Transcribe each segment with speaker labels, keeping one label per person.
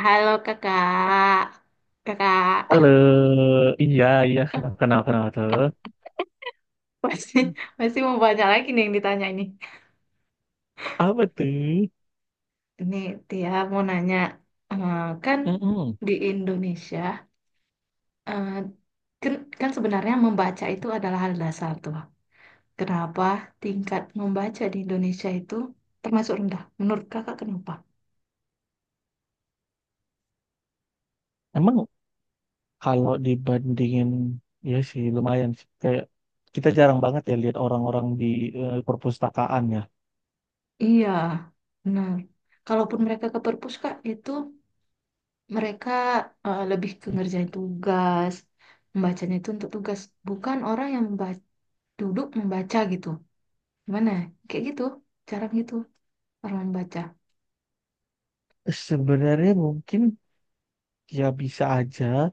Speaker 1: Halo kakak, kakak
Speaker 2: Halo, iya iya kenal kenal tuh.
Speaker 1: masih masih mau banyak lagi nih yang ditanya ini.
Speaker 2: Apa tuh?
Speaker 1: Ini Tia mau nanya, eh, kan
Speaker 2: Mm-mm.
Speaker 1: di Indonesia, eh, kan, kan sebenarnya membaca itu adalah hal dasar tuh. Kenapa tingkat membaca di Indonesia itu termasuk rendah? Menurut kakak kenapa?
Speaker 2: Emang kalau dibandingin, ya sih lumayan sih. Kayak kita jarang banget ya lihat orang-orang di perpustakaan ya.
Speaker 1: Iya, benar. Kalaupun mereka ke perpus kak, itu mereka lebih ke ngerjain tugas, membacanya itu untuk tugas, bukan orang yang membaca duduk membaca gitu. Gimana? Kayak gitu, cara membaca.
Speaker 2: Sebenarnya mungkin ya bisa aja.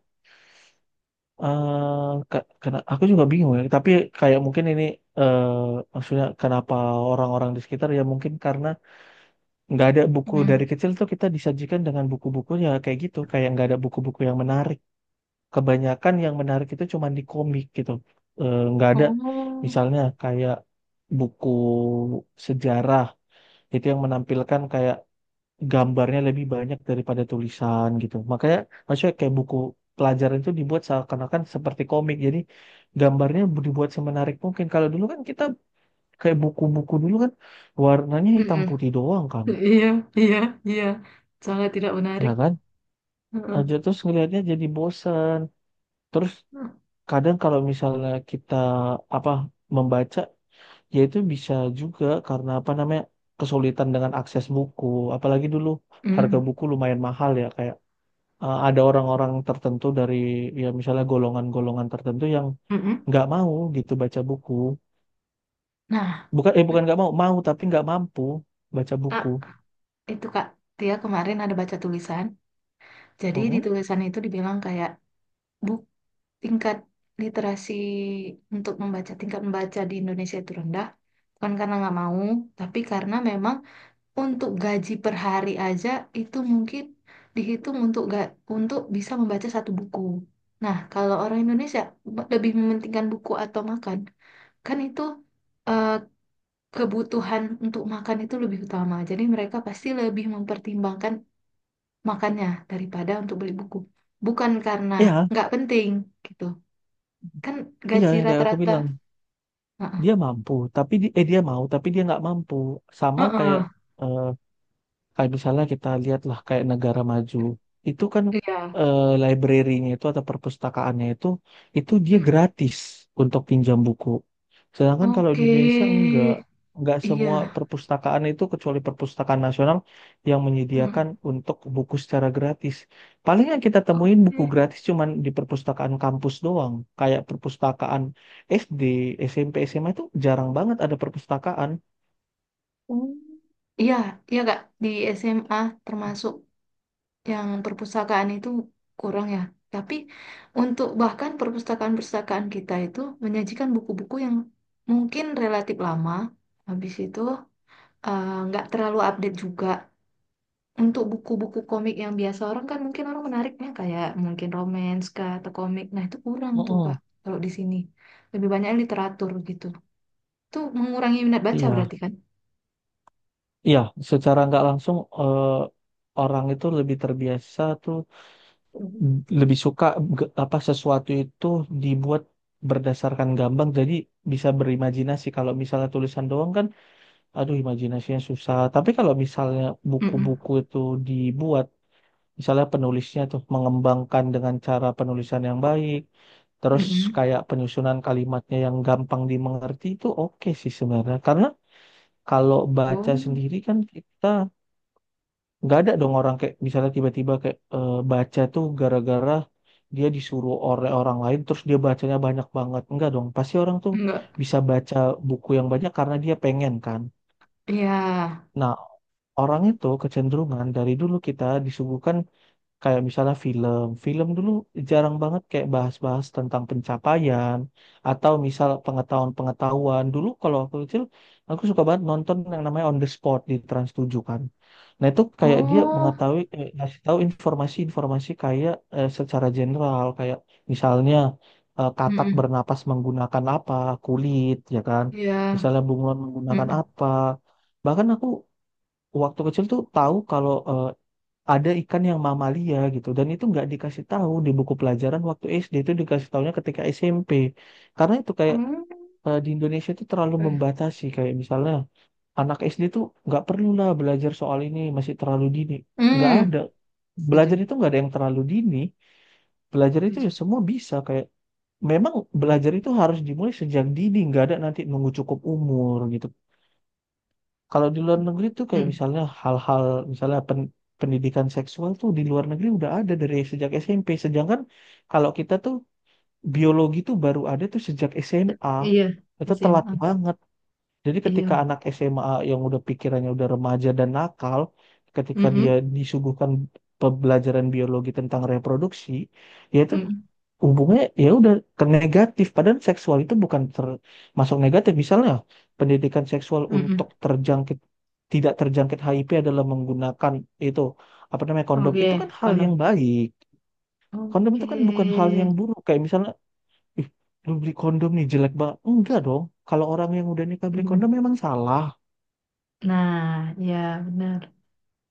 Speaker 2: Kena, aku juga bingung ya. Tapi kayak mungkin ini eh maksudnya kenapa orang-orang di sekitar ya mungkin karena nggak ada buku,
Speaker 1: Hmm.
Speaker 2: dari kecil tuh kita disajikan dengan buku-buku ya kayak gitu. Kayak nggak ada buku-buku yang menarik, kebanyakan yang menarik itu cuma di komik gitu. Nggak ada
Speaker 1: Oh.
Speaker 2: misalnya kayak buku sejarah itu yang menampilkan kayak gambarnya lebih banyak daripada tulisan gitu. Makanya maksudnya kayak buku pelajaran itu dibuat seakan-akan seperti komik. Jadi gambarnya dibuat semenarik mungkin. Kalau dulu kan kita kayak buku-buku dulu kan warnanya hitam
Speaker 1: Mm-mm.
Speaker 2: putih doang kan,
Speaker 1: Iya, iya, iya. Sangat tidak menarik.
Speaker 2: ya kan? Aja
Speaker 1: Heeh.
Speaker 2: terus ngelihatnya jadi bosan. Terus kadang kalau misalnya kita apa membaca, ya itu bisa juga karena apa namanya kesulitan dengan akses buku. Apalagi dulu harga
Speaker 1: Mm.
Speaker 2: buku lumayan mahal ya, kayak ada orang-orang tertentu dari ya misalnya golongan-golongan tertentu yang
Speaker 1: Mm-mm.
Speaker 2: nggak mau gitu baca buku.
Speaker 1: Nah,
Speaker 2: Bukan nggak mau mau, tapi nggak mampu baca
Speaker 1: ah,
Speaker 2: buku.
Speaker 1: itu Kak, dia kemarin ada baca tulisan. Jadi di
Speaker 2: Mm-mm.
Speaker 1: tulisan itu dibilang kayak buk tingkat literasi untuk membaca, tingkat membaca di Indonesia itu rendah. Bukan karena nggak mau, tapi karena memang untuk gaji per hari aja itu mungkin dihitung untuk bisa membaca satu buku. Nah, kalau orang Indonesia lebih mementingkan buku atau makan, kan itu eh, kebutuhan untuk makan itu lebih utama. Jadi mereka pasti lebih mempertimbangkan makannya daripada untuk beli buku. Bukan karena
Speaker 2: Iya
Speaker 1: nggak penting gitu. Kan
Speaker 2: iya
Speaker 1: gaji
Speaker 2: yang kayak aku
Speaker 1: rata-rata.
Speaker 2: bilang
Speaker 1: Heeh,
Speaker 2: dia mampu tapi dia mau tapi dia nggak mampu, sama kayak
Speaker 1: heeh,
Speaker 2: eh, kayak misalnya kita lihatlah kayak negara maju itu kan
Speaker 1: iya.
Speaker 2: library-nya itu atau perpustakaannya itu dia
Speaker 1: Mm.
Speaker 2: gratis untuk pinjam buku. Sedangkan kalau di
Speaker 1: Oke,
Speaker 2: Indonesia enggak semua
Speaker 1: iya.
Speaker 2: perpustakaan itu kecuali perpustakaan nasional yang menyediakan
Speaker 1: Mm.
Speaker 2: untuk buku secara gratis. Paling yang kita temuin buku
Speaker 1: Oke.
Speaker 2: gratis cuman di perpustakaan kampus doang. Kayak perpustakaan SD, SMP, SMA itu jarang banget ada perpustakaan.
Speaker 1: Oh. Iya, iya Kak, di SMA termasuk yang perpustakaan itu kurang ya. Tapi untuk bahkan perpustakaan-perpustakaan kita itu menyajikan buku-buku yang mungkin relatif lama, habis itu nggak terlalu update juga. Untuk buku-buku komik yang biasa orang kan mungkin orang menariknya kayak mungkin romance kah atau komik. Nah itu kurang tuh Kak,
Speaker 2: Mm-mm.
Speaker 1: kalau di sini. Lebih banyak literatur gitu. Itu mengurangi minat baca
Speaker 2: Iya.
Speaker 1: berarti kan?
Speaker 2: Iya, secara nggak langsung orang itu lebih terbiasa tuh
Speaker 1: Mhm.
Speaker 2: lebih suka apa sesuatu itu dibuat berdasarkan gambar jadi bisa berimajinasi. Kalau misalnya tulisan doang kan, aduh imajinasinya susah. Tapi kalau misalnya
Speaker 1: Mm-mm.
Speaker 2: buku-buku itu dibuat, misalnya penulisnya tuh mengembangkan dengan cara penulisan yang baik, terus
Speaker 1: Mm-mm.
Speaker 2: kayak penyusunan kalimatnya yang gampang dimengerti itu oke sih sebenarnya. Karena kalau baca
Speaker 1: Oh.
Speaker 2: sendiri kan kita nggak ada dong orang kayak misalnya tiba-tiba kayak baca tuh gara-gara dia disuruh oleh orang lain terus dia bacanya banyak banget, enggak dong, pasti orang tuh
Speaker 1: Enggak.
Speaker 2: bisa baca buku yang banyak karena dia pengen kan.
Speaker 1: Iya.
Speaker 2: Nah, orang itu kecenderungan dari dulu kita disuguhkan kayak misalnya film, film dulu jarang banget kayak bahas-bahas tentang pencapaian atau misal pengetahuan-pengetahuan. Dulu kalau aku kecil, aku suka banget nonton yang namanya On the Spot di Trans 7 kan. Nah itu kayak dia
Speaker 1: Oh.
Speaker 2: mengetahui, ngasih tahu informasi-informasi kayak secara general, kayak misalnya katak
Speaker 1: Mm-mm.
Speaker 2: bernapas menggunakan apa, kulit, ya kan.
Speaker 1: Iya.
Speaker 2: Misalnya bunglon menggunakan
Speaker 1: Mm-mm.
Speaker 2: apa. Bahkan aku waktu kecil tuh tahu kalau ada ikan yang mamalia gitu, dan itu nggak dikasih tahu di buku pelajaran waktu SD, itu dikasih tahunya ketika SMP karena itu kayak
Speaker 1: Mm.
Speaker 2: di Indonesia itu terlalu membatasi kayak misalnya anak SD itu nggak perlu lah belajar soal ini masih terlalu dini, nggak ada,
Speaker 1: Mm.
Speaker 2: belajar
Speaker 1: Setuju.
Speaker 2: itu nggak ada yang terlalu dini, belajar itu
Speaker 1: Setuju.
Speaker 2: ya semua bisa kayak memang belajar itu harus dimulai sejak dini, nggak ada nanti nunggu cukup umur gitu. Kalau di luar negeri tuh kayak
Speaker 1: Mm.
Speaker 2: misalnya hal-hal misalnya pendidikan seksual tuh di luar negeri udah ada dari sejak SMP. Sedangkan kalau kita tuh biologi tuh baru ada tuh sejak SMA.
Speaker 1: Iya.
Speaker 2: Itu telat
Speaker 1: SMA.
Speaker 2: banget. Jadi ketika
Speaker 1: Iya.
Speaker 2: anak SMA yang udah pikirannya udah remaja dan nakal, ketika dia
Speaker 1: Mm-mm.
Speaker 2: disuguhkan pembelajaran biologi tentang reproduksi, ya itu
Speaker 1: Mm-mm.
Speaker 2: hubungannya ya udah ke negatif. Padahal seksual itu bukan termasuk negatif. Misalnya pendidikan seksual
Speaker 1: Mm-mm.
Speaker 2: untuk terjangkit, tidak terjangkit HIV adalah menggunakan itu apa namanya kondom. Itu kan
Speaker 1: Oke.
Speaker 2: hal yang
Speaker 1: Kondom.
Speaker 2: baik. Kondom
Speaker 1: Oke.
Speaker 2: itu kan bukan hal yang buruk. Kayak misalnya, ih, lu beli kondom nih jelek banget. Enggak dong. Kalau orang yang udah nikah beli kondom
Speaker 1: mm
Speaker 2: memang salah.
Speaker 1: Nah, ya benar.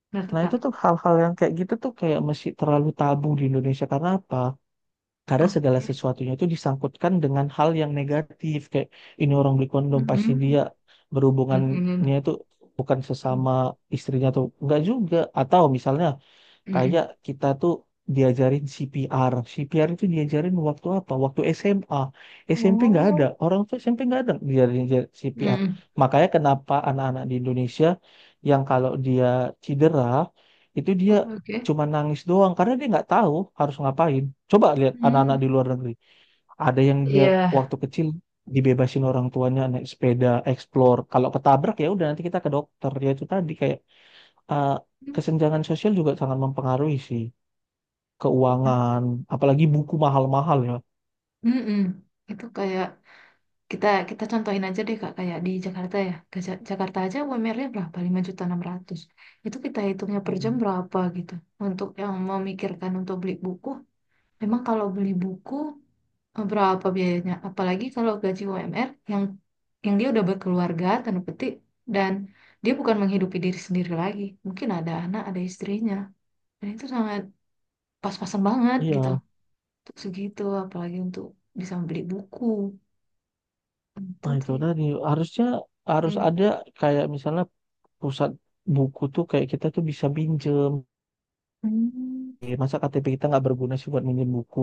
Speaker 1: Benar tuh,
Speaker 2: Nah,
Speaker 1: Kak.
Speaker 2: itu tuh hal-hal yang kayak gitu tuh kayak masih terlalu tabu di Indonesia. Karena apa? Karena segala
Speaker 1: Oke.
Speaker 2: sesuatunya itu disangkutkan dengan hal yang negatif. Kayak ini orang beli kondom, pasti
Speaker 1: Mm-mm.
Speaker 2: dia berhubungannya
Speaker 1: Mm-mm.
Speaker 2: itu bukan sesama istrinya atau enggak juga. Atau misalnya kayak
Speaker 1: Mm-mm.
Speaker 2: kita tuh diajarin CPR. CPR itu diajarin waktu apa? Waktu SMA. SMP nggak ada.
Speaker 1: Oh.
Speaker 2: Orang tuh SMP nggak ada diajarin diajarin CPR.
Speaker 1: Mm-mm.
Speaker 2: Makanya kenapa anak-anak di Indonesia yang kalau dia cedera, itu dia
Speaker 1: Oke.
Speaker 2: cuma nangis doang. Karena dia nggak tahu harus ngapain. Coba lihat anak-anak
Speaker 1: Mm.
Speaker 2: di luar negeri. Ada yang dia
Speaker 1: Iya.
Speaker 2: waktu kecil dibebasin orang tuanya naik sepeda, explore. Kalau ketabrak ya udah nanti kita ke dokter. Ya itu tadi kayak eh,
Speaker 1: Mm.
Speaker 2: kesenjangan sosial juga sangat mempengaruhi sih, keuangan, apalagi buku mahal-mahal ya.
Speaker 1: Mm-mm. Itu kayak Kita kita contohin aja deh Kak kayak di Jakarta ya. Ke Jakarta aja UMR-nya berapa? Lima juta enam ratus. Itu kita hitungnya per jam
Speaker 2: Mm-mm.
Speaker 1: berapa gitu. Untuk yang memikirkan untuk beli buku, memang kalau beli buku berapa biayanya? Apalagi kalau gaji UMR yang dia udah berkeluarga tanda petik dan dia bukan menghidupi diri sendiri lagi. Mungkin ada anak, ada istrinya. Dan itu sangat pas-pasan banget gitu.
Speaker 2: Iya,
Speaker 1: Untuk segitu apalagi untuk bisa beli buku. Itu
Speaker 2: nah itu
Speaker 1: sih.
Speaker 2: tadi harusnya harus
Speaker 1: Hmm.
Speaker 2: ada kayak misalnya pusat buku tuh kayak kita tuh bisa pinjem.
Speaker 1: Hmm.
Speaker 2: Iya, masa KTP kita nggak berguna sih buat minjem buku?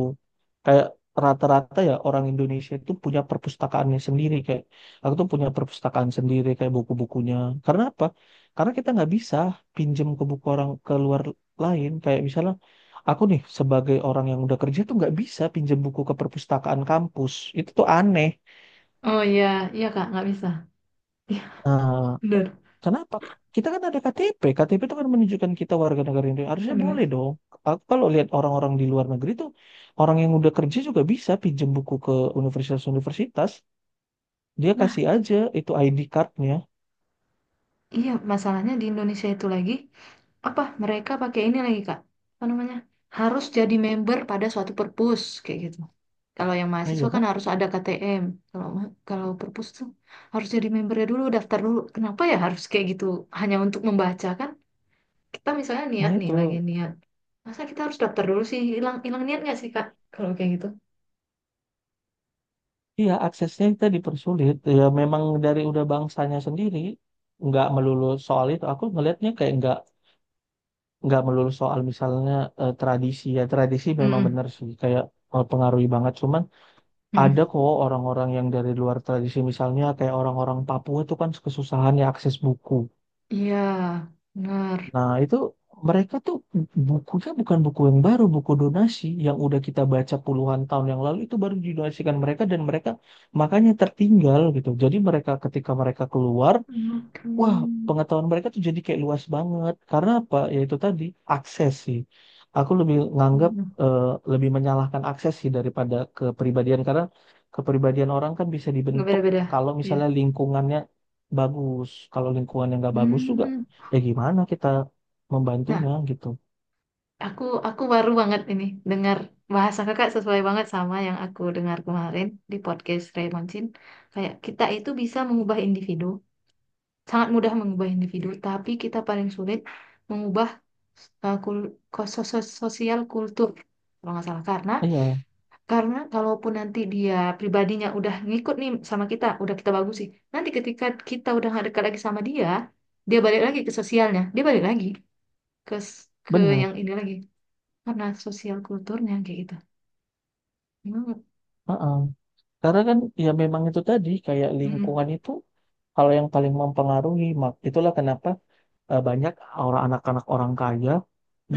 Speaker 2: Kayak rata-rata ya orang Indonesia itu punya perpustakaannya sendiri. Kayak aku tuh punya perpustakaan sendiri kayak buku-bukunya. Karena apa? Karena kita nggak bisa pinjem ke buku orang ke luar lain. Kayak misalnya aku nih sebagai orang yang udah kerja tuh nggak bisa pinjem buku ke perpustakaan kampus. Itu tuh aneh.
Speaker 1: Oh, iya, iya Kak, nggak bisa. Iya,
Speaker 2: Nah,
Speaker 1: benar.
Speaker 2: kenapa? Kita kan ada KTP. KTP itu kan menunjukkan kita warga negara Indonesia. Harusnya
Speaker 1: Ada Mas.
Speaker 2: boleh dong. Aku kalau lihat orang-orang di luar negeri tuh, orang yang udah kerja juga bisa pinjem buku ke universitas-universitas. Dia
Speaker 1: Nah,
Speaker 2: kasih aja itu ID cardnya.
Speaker 1: iya masalahnya di Indonesia itu lagi apa mereka pakai ini lagi Kak? Apa namanya? Harus jadi member pada suatu perpus kayak gitu. Kalau yang
Speaker 2: Nah, iya
Speaker 1: mahasiswa kan
Speaker 2: kan?
Speaker 1: harus ada KTM. Kalau perpus tuh harus jadi membernya dulu, daftar dulu. Kenapa ya harus kayak gitu? Hanya untuk membaca kan? Kita misalnya
Speaker 2: Nah
Speaker 1: niat nih
Speaker 2: itu,
Speaker 1: lagi niat. Masa kita harus daftar dulu sih? Hilang hilang niat nggak sih Kak? Kalau kayak gitu?
Speaker 2: iya aksesnya kita dipersulit. Ya memang dari udah bangsanya sendiri, nggak melulu soal itu. Aku ngelihatnya kayak nggak melulu soal misalnya tradisi, ya tradisi memang
Speaker 1: Mm-mm.
Speaker 2: benar sih kayak pengaruhi banget. Cuma ada
Speaker 1: Mm-mm.
Speaker 2: kok orang-orang yang dari luar tradisi misalnya kayak orang-orang Papua itu kan kesusahan ya akses buku.
Speaker 1: Iya, benar.
Speaker 2: Nah itu mereka tuh bukunya bukan buku yang baru, buku donasi yang udah kita baca puluhan tahun yang lalu itu baru didonasikan mereka, dan mereka makanya tertinggal gitu. Jadi mereka ketika mereka keluar,
Speaker 1: Oke.
Speaker 2: wah, pengetahuan mereka tuh jadi kayak luas banget. Karena apa? Ya itu tadi akses sih. Aku lebih nganggap eh, lebih menyalahkan akses sih daripada kepribadian karena kepribadian orang kan bisa
Speaker 1: Nggak
Speaker 2: dibentuk
Speaker 1: beda-beda.
Speaker 2: kalau
Speaker 1: Iya.
Speaker 2: misalnya lingkungannya bagus. Kalau lingkungannya nggak bagus juga,
Speaker 1: Hmm.
Speaker 2: ya gimana kita
Speaker 1: Nah,
Speaker 2: membantunya gitu.
Speaker 1: aku baru banget ini dengar bahasa kakak sesuai banget sama yang aku dengar kemarin di podcast Raymondin. Kayak kita itu bisa mengubah individu, sangat mudah mengubah individu, tapi kita paling sulit mengubah sosial kultur kalau nggak salah, karena
Speaker 2: Iya,
Speaker 1: Karena kalaupun nanti dia pribadinya udah ngikut nih sama kita, udah kita bagus sih. Nanti ketika kita udah nggak dekat lagi sama dia, dia balik lagi ke sosialnya, dia balik lagi ke
Speaker 2: benar.
Speaker 1: yang ini lagi karena sosial kulturnya kayak gitu. Hmm.
Speaker 2: Heeh. Karena kan ya memang itu tadi kayak
Speaker 1: Mm-mm.
Speaker 2: lingkungan itu kalau yang paling mempengaruhi, mak itulah kenapa banyak orang anak-anak orang kaya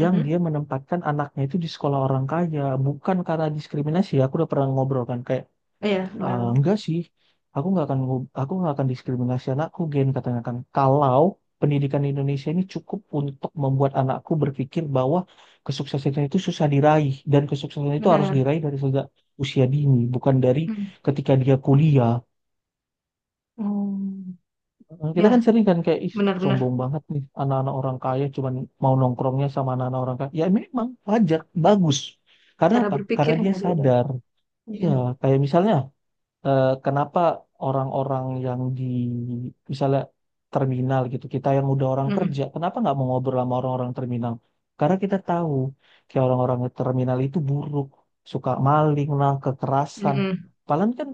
Speaker 2: yang dia menempatkan anaknya itu di sekolah orang kaya, bukan karena diskriminasi, aku udah pernah ngobrol kan kayak
Speaker 1: Iya, benar.
Speaker 2: "Ah, enggak sih, aku nggak akan aku nggak akan diskriminasi anakku Gen," katanya kan, kalau pendidikan di Indonesia ini cukup untuk membuat anakku berpikir bahwa kesuksesan itu susah diraih, dan kesuksesan itu harus
Speaker 1: Benar.
Speaker 2: diraih dari sejak usia dini bukan dari
Speaker 1: Mm.
Speaker 2: ketika dia kuliah.
Speaker 1: Oh,
Speaker 2: Kita
Speaker 1: ya,
Speaker 2: kan sering kan kayak, ih,
Speaker 1: benar-benar.
Speaker 2: sombong banget nih anak-anak orang kaya cuman mau nongkrongnya sama anak-anak orang kaya. Ya memang wajar, bagus. Karena
Speaker 1: Cara
Speaker 2: apa?
Speaker 1: berpikir
Speaker 2: Karena dia
Speaker 1: yang beda.
Speaker 2: sadar. Iya,
Speaker 1: Mm-mm.
Speaker 2: kayak misalnya kenapa orang-orang yang di misalnya terminal gitu, kita yang udah orang kerja,
Speaker 1: Mm-mm.
Speaker 2: kenapa nggak mau ngobrol sama orang-orang terminal? Karena kita tahu kayak orang-orang di terminal itu buruk, suka maling lah, kekerasan.
Speaker 1: Mm-mm.
Speaker 2: Padahal kan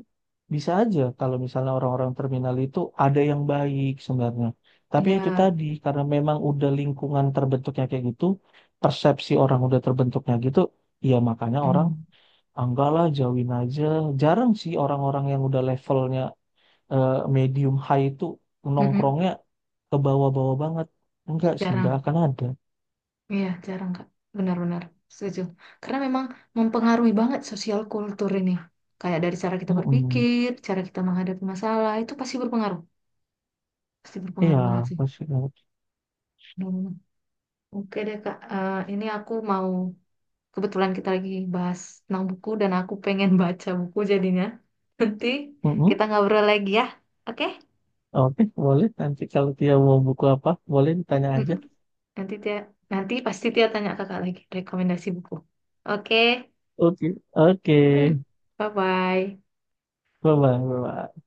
Speaker 2: bisa aja kalau misalnya orang-orang terminal itu ada yang baik sebenarnya. Tapi itu
Speaker 1: Iya.
Speaker 2: tadi karena memang udah lingkungan terbentuknya kayak gitu, persepsi orang udah terbentuknya gitu, ya makanya orang,
Speaker 1: Mm.
Speaker 2: ah, enggak lah, jauhin aja. Jarang sih orang-orang yang udah levelnya eh, medium high itu
Speaker 1: Mm-mm.
Speaker 2: nongkrongnya ke bawah-bawah banget. Enggak sih,
Speaker 1: Cara
Speaker 2: enggak akan ada.
Speaker 1: Iya, jarang Kak. Benar-benar setuju. Karena memang mempengaruhi banget sosial kultur ini. Kayak dari cara kita
Speaker 2: Mm-mm.
Speaker 1: berpikir, cara kita menghadapi masalah, itu pasti berpengaruh. Pasti
Speaker 2: Iya,
Speaker 1: berpengaruh banget sih.
Speaker 2: pasti. Enggak.
Speaker 1: Benar-benar. Oke deh Kak. Ini aku mau, kebetulan kita lagi bahas tentang buku dan aku pengen baca buku jadinya. Nanti
Speaker 2: Mm-mm.
Speaker 1: kita ngobrol lagi ya, oke?
Speaker 2: Oke, boleh. Nanti kalau dia mau buku apa, boleh ditanya aja.
Speaker 1: Mm-mm. Nanti Tia, nanti pasti Tia tanya Kakak lagi rekomendasi buku. Oke.
Speaker 2: Oke. Oke,
Speaker 1: Hmm. Bye-bye.
Speaker 2: bye-bye. Bye-bye.